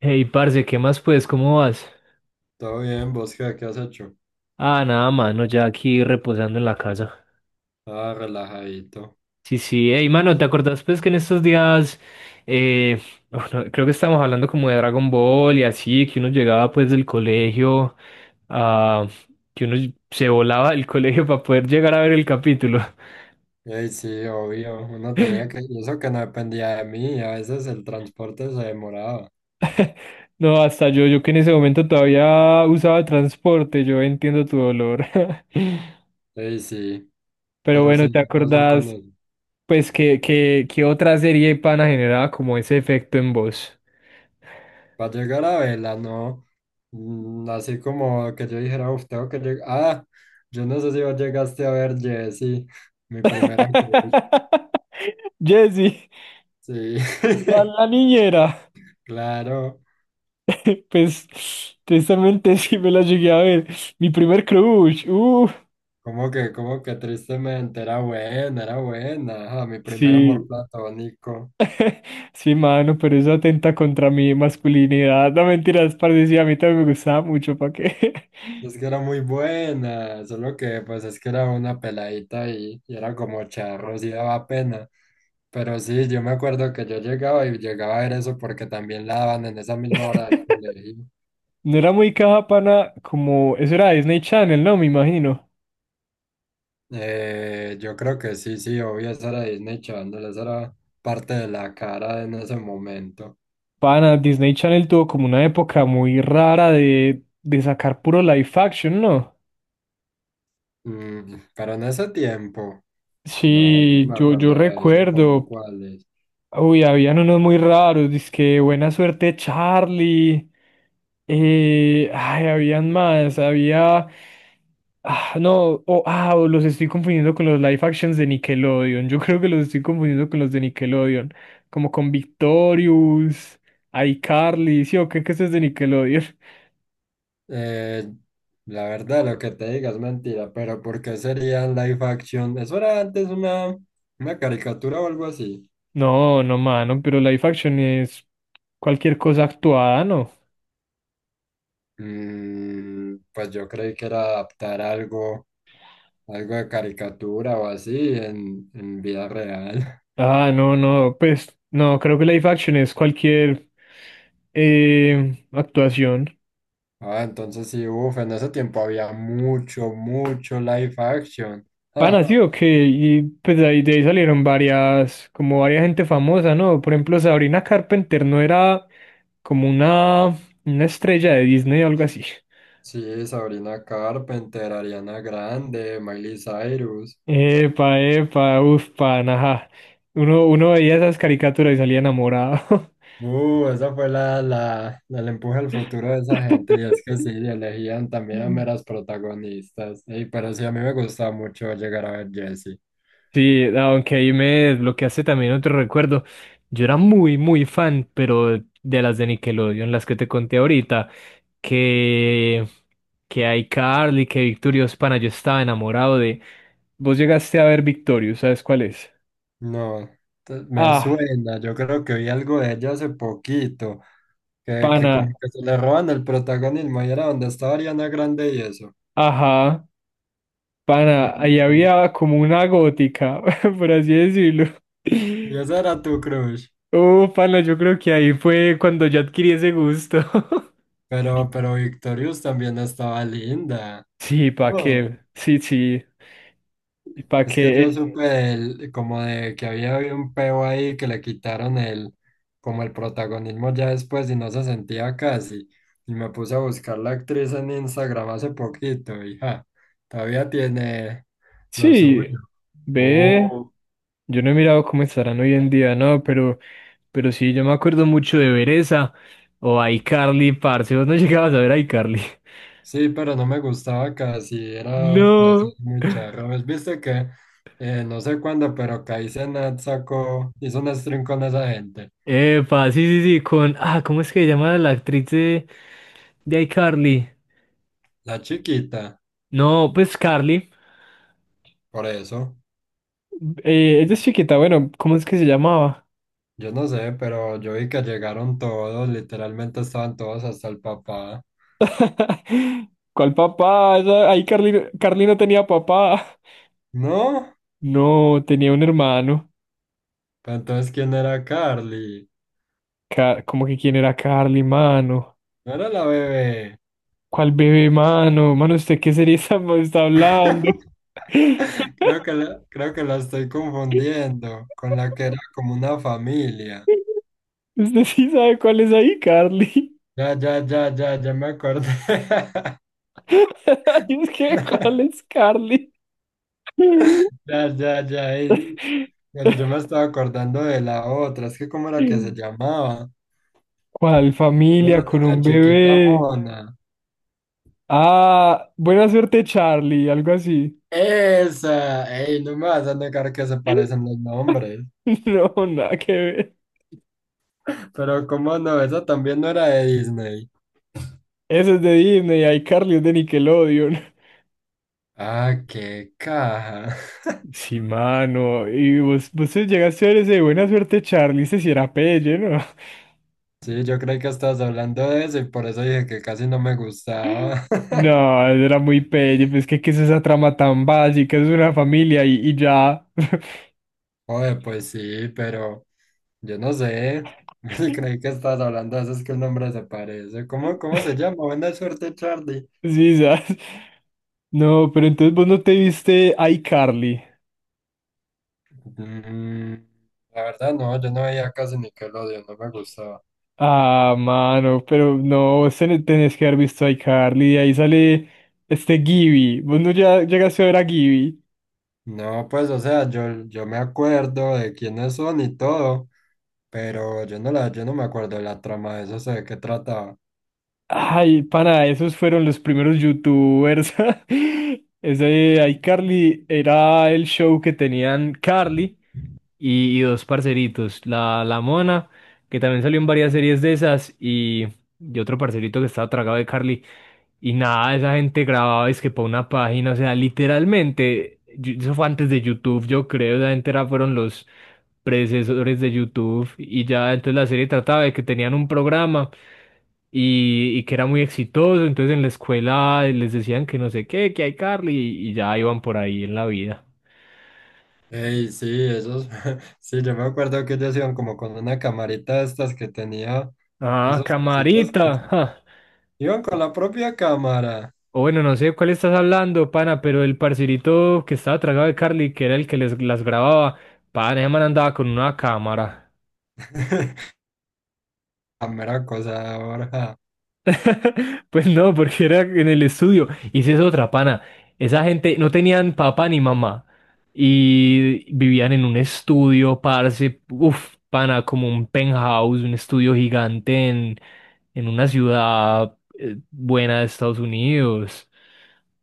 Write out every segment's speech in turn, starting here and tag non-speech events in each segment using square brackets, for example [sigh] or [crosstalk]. Hey, parce, ¿qué más pues? ¿Cómo vas? Todo bien, ¿vos qué, has hecho? Ah, nada, mano, ya aquí reposando en la casa. Ah, relajadito. Sí, sí, hey, mano, ¿te acordás pues que en estos días, eh, bueno, creo que estábamos hablando como de Dragon Ball y así, que uno llegaba pues del colegio, ah, que uno se volaba del colegio para poder llegar a ver el capítulo? [laughs] Ey, sí, obvio, uno tenía que, y eso que no dependía de mí, a veces el transporte se demoraba. No, hasta yo que en ese momento todavía usaba transporte, yo entiendo tu dolor. [laughs] Ey, sí, Pero pero bueno, sí, ¿te ¿qué pasó con acordás? eso? Pues, ¿qué otra serie pana generaba como ese efecto en vos? Para llegar a Vela, no, así como que yo dijera, uf, tengo que llegar, yo no sé si vos llegaste a ver Jessy, mi primera cruz, [laughs] Jesse, sí, la, [laughs] la niñera. [laughs] claro, Pues, tristemente sí me la llegué a ver. Mi primer crush. Como que tristemente, era buena, ajá, mi primer amor Sí, platónico. sí, mano, pero eso atenta contra mi masculinidad. No mentiras, parce, sí, a mí también me gustaba mucho, ¿para qué? Es que era muy buena, solo que pues es que era una peladita y era como charros y daba pena. Pero sí, yo me acuerdo que yo llegaba y llegaba a ver eso porque también la daban en esa misma hora del [laughs] colegio. No era muy caja, pana, como Eso era Disney Channel, ¿no? Me imagino. Yo creo que sí, sí, obvio, eso era Disney Channel, eso era parte de la cara en ese momento. Pana, Disney Channel tuvo como una época muy rara de sacar puro live action, ¿no? Pero en ese tiempo, no, yo no Sí, me yo acuerdo de eso, como recuerdo, cuál. uy, habían unos muy raros, dizque Buena Suerte Charlie, habían más, había, ah, no, o, ah, o los estoy confundiendo con los live actions de Nickelodeon, yo creo que los estoy confundiendo con los de Nickelodeon, como con Victorious, iCarly, sí, ¿qué eso es de Nickelodeon? Eh, la verdad, lo que te diga es mentira, pero ¿por qué serían live action? Eso era antes una caricatura o algo así. No, no, mano, pero live action es cualquier cosa actuada, ¿no? Pues yo creí que era adaptar algo, algo de caricatura o así en vida real. [laughs] Ah, no, no, pues no, creo que live action es cualquier actuación. Ah, entonces sí, uff, en ese tiempo había mucho, mucho live action. Pana, Ah, sí, ok, y pues de ahí salieron varias, como varias gente famosa, ¿no? Por ejemplo, Sabrina Carpenter no era como una estrella de Disney o algo así. sí, Sabrina Carpenter, Ariana Grande, Miley Cyrus. Epa, epa, uf, pana, ajá. Uno veía esas caricaturas y salía enamorado. Esa fue el empuje al futuro de esa gente, y es que sí, elegían también a meras [laughs] protagonistas. Ey, pero sí, a mí me gustaba mucho llegar a ver Jessie. Sí, aunque ahí me desbloqueaste también otro recuerdo. Yo era muy, muy fan, pero de las de Nickelodeon, las que te conté ahorita, que, que iCarly, que Victorious Pana, yo estaba enamorado de Vos llegaste a ver Victorious, ¿sabes cuál es? No, me Ah, suena, yo creo que vi algo de ella hace poquito, que como pana, que se le roban el protagonismo, y era donde estaba Ariana Grande y eso. ajá, pana, ahí Ujú. había como una gótica, [laughs] por así decirlo. Y [laughs] esa era tu crush, Oh, pana, yo creo que ahí fue cuando yo adquirí ese gusto. [laughs] Pero Victorious también estaba linda. Sí, ¿para No. qué? Sí, sí. ¿Para Es que qué? yo supe como de que había habido un peo ahí que le quitaron el, como el protagonismo ya después y no se sentía casi. Y me puse a buscar la actriz en Instagram hace poquito y ja, todavía tiene lo suyo. Sí, ve. Oh, Yo no he mirado cómo estarán hoy en día, no, pero sí, yo me acuerdo mucho de ver esa o iCarly, parce. Vos no [laughs] llegabas a ver iCarly. [laughs] sí, pero no me gustaba casi, era, no sé, No. muy charro. ¿Ves? Viste que, no sé cuándo, pero Kai Cenat sacó, hizo un stream con esa gente. Epa, sí, sí, sí, con. Ah, ¿cómo es que se llama la actriz de iCarly? La chiquita, No, pues Carly. por eso. Ella es chiquita, bueno, ¿cómo es que se llamaba? Yo no sé, pero yo vi que llegaron todos, literalmente estaban todos hasta el papá. [laughs] ¿Cuál papá? Esa Ahí Carly, Carly no tenía papá. ¿No? No, tenía un hermano. Pero entonces, ¿quién era Carly? Ca- ¿Cómo que quién era Carly, mano? No era la bebé. ¿Cuál bebé, mano? Mano, ¿usted qué serie está hablando? [laughs] Creo que [laughs] la, creo que la estoy confundiendo con la que era como una familia. Usted sí sabe cuál es ahí, Carly. Ya, ya, ya, ya, ya me acordé. [laughs] Ay, es que, ¿cuál [laughs] es Carly? Ya, ya, ya. [laughs] Pero yo me estaba acordando de la otra. Es que, ¿cómo era que se llamaba? ¿Cuál Era una familia con niña un chiquita bebé? mona. Ah, buena suerte, Charlie, algo así. Esa, ey, no me vas a negar que se parecen [laughs] los nombres. No, nada que ver. Pero cómo no, esa también no era de Disney. Eso es de Disney, hay Carly es de Nickelodeon. [laughs] Ah, qué caja. [laughs] Sí, mano. Y vos, vos te llegaste a ver ese de buena suerte, Charlie, ese sí era pelle, ¿no? Sí, yo creí que estabas hablando de eso y por eso dije que casi no me [laughs] gustaba. No, [laughs] eso era muy pelle, pues que es esa trama tan básica, es una familia y ya. [laughs] Oye, pues sí, pero yo no sé. [laughs] Sí, creí que estabas hablando de eso, es que el nombre se parece. ¿Cómo, cómo se llama? Buena suerte, Charlie. Sí, ¿sabes? No, pero entonces vos no te viste iCarly. Mm, la verdad, no, yo no veía casi Nickelodeon, no me gustaba. Ah, mano, pero no, vos tenés que haber visto a iCarly, y ahí sale este Gibby, vos no ya llegaste a ver a Gibby. No, pues, o sea, yo me acuerdo de quiénes son y todo, pero yo no me acuerdo de la trama de eso, sé de qué trataba. Ay, pana, esos fueron los primeros youtubers. [laughs] Ese iCarly era el show que tenían Carly y dos parceritos, la Mona, que también salió en varias series de esas, y otro parcerito que estaba tragado de Carly. Y nada, esa gente grababa es que para una página, o sea, literalmente, eso fue antes de YouTube, yo creo, fueron los predecesores de YouTube y ya entonces la serie trataba de que tenían un programa y que era muy exitoso, entonces en la escuela les decían que no sé qué, que hay Carly y ya iban por ahí en la vida. Ey, sí, esos, [laughs] sí, yo me acuerdo que ellos iban como con una camarita de estas que tenía Ah, esos cositos camarita. que Ja. iban con la propia cámara. O bueno, no sé de cuál estás hablando, pana, pero el parcerito que estaba tragado de Carly, que era el que las grababa, pana, ese man andaba con una cámara. [laughs] La mera cosa ahora. [laughs] Pues no, porque era en el estudio. Y si es otra, pana, esa gente no tenían papá ni mamá. Y vivían en un estudio, parce, uff, pana, como un penthouse, un estudio gigante en una ciudad buena de Estados Unidos.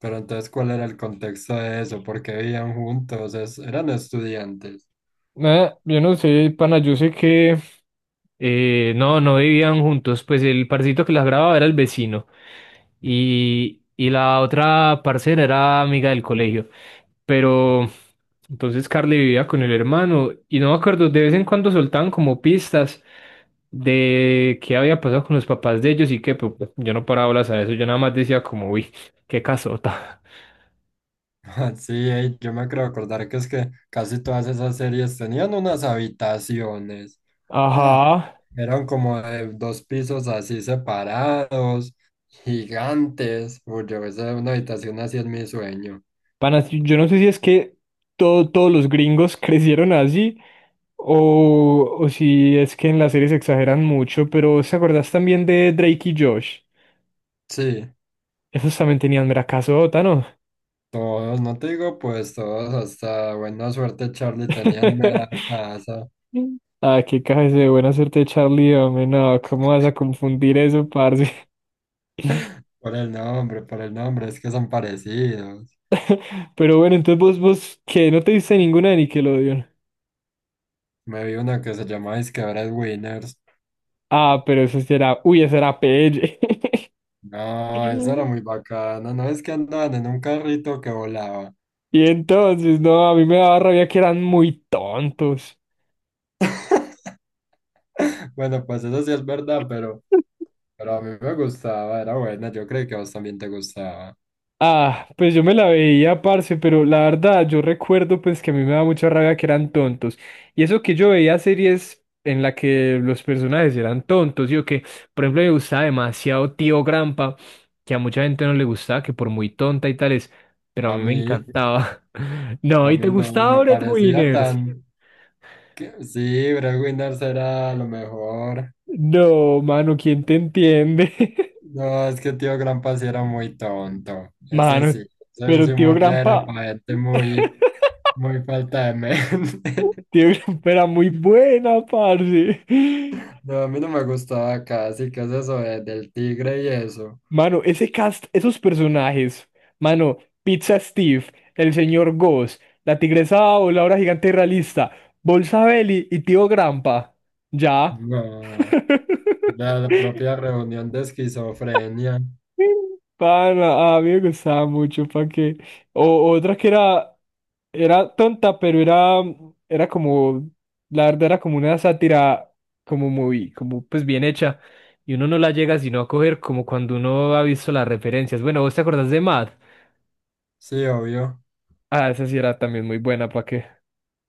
Pero entonces, ¿cuál era el contexto de eso? ¿Por qué vivían juntos? Eran estudiantes. Nada, yo no sé, pana, yo sé que no, no vivían juntos, pues el parcito que las grababa era el vecino y la otra parcera era amiga del colegio, pero entonces Carly vivía con el hermano y no me acuerdo, de vez en cuando soltaban como pistas de qué había pasado con los papás de ellos y que pues, yo no paraba bolas a eso, yo nada más decía como, uy, qué casota. [laughs] Sí, ey, yo me creo acordar que es que casi todas esas series tenían unas habitaciones. Ah, Ajá. eran como de dos pisos así separados, gigantes. Uy, yo esa es una habitación así en mi sueño. Panas, yo no sé si es que todos los gringos [laughs] crecieron así o si es que en las series exageran mucho, pero ¿se acordás también de Drake y Josh? Sí, Esos también tenían mera casota, ¿no? todos, no te digo pues todos, hasta buena suerte Charlie tenían mera [laughs] casa. Ah, qué cabeza de buena suerte, Charlie, hombre, no, ¿cómo vas a confundir eso, parce? [laughs] Por el nombre, es que son parecidos. [laughs] Pero bueno, entonces vos, ¿qué? ¿No te diste ninguna de Nickelodeon? Me vi una que se llama Disque Breadwinners. Ah, pero eso sí era, uy, eso era PL. No, eso era [laughs] muy bacano, no es que andaban en un carrito que volaba. Y entonces, no, a mí me daba rabia que eran muy tontos. [laughs] Bueno, pues eso sí es verdad, pero a mí me gustaba, era buena, yo creo que a vos también te gustaba. Ah, pues yo me la veía, parce, pero la verdad yo recuerdo pues que a mí me daba mucha rabia que eran tontos. Y eso que yo veía series en la que los personajes eran tontos, yo que, por ejemplo, me gustaba demasiado Tío Grampa, que a mucha gente no le gustaba, que por muy tonta y tales, pero a A mí me mí, encantaba. [laughs] No, a ¿y te mí no, gustaba me Brett parecía Winners? tan... Sí, Brad Winners era lo mejor. No, mano, ¿quién te entiende? No, es que tío Grampa sí era muy tonto, [laughs] ese sí, Mano, pero ese humor ya era para gente muy, muy falta de mente. [laughs] Tío Grampa era muy buena, parce. No, a mí no me gustaba casi, ¿qué es eso del tigre y eso? Mano, ese cast, esos personajes, mano, Pizza Steve, el señor Goss, la tigresa o la hora gigante realista, Bolsa Belly y tío Grampa. Ya. No, [laughs] la propia reunión de esquizofrenia. Para, a mí me gustaba mucho, para que. O otra que era tonta, pero era como, la verdad era como una sátira, como muy, como pues bien hecha. Y uno no la llega sino a coger como cuando uno ha visto las referencias. Bueno, ¿vos te acordás de Mad? Sí, obvio. Ah, esa sí era también muy buena, ¿para qué?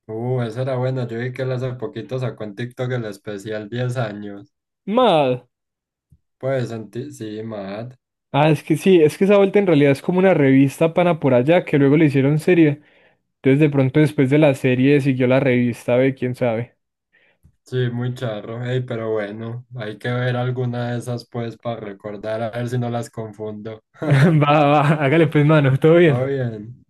Esa era buena. Yo vi que él hace poquito sacó en TikTok el especial 10 años. Mad. Sí, Matt. Ah, es que sí, es que esa vuelta en realidad es como una revista pana por allá que luego le hicieron serie. Entonces de pronto después de la serie siguió la revista, ve, quién sabe. Sí, muy charro. Ey, pero bueno, hay que ver alguna de esas pues para recordar, a ver si no las confundo. [laughs] [laughs] Va, va, acá les pedí manos, ¿todo Todo bien? bien.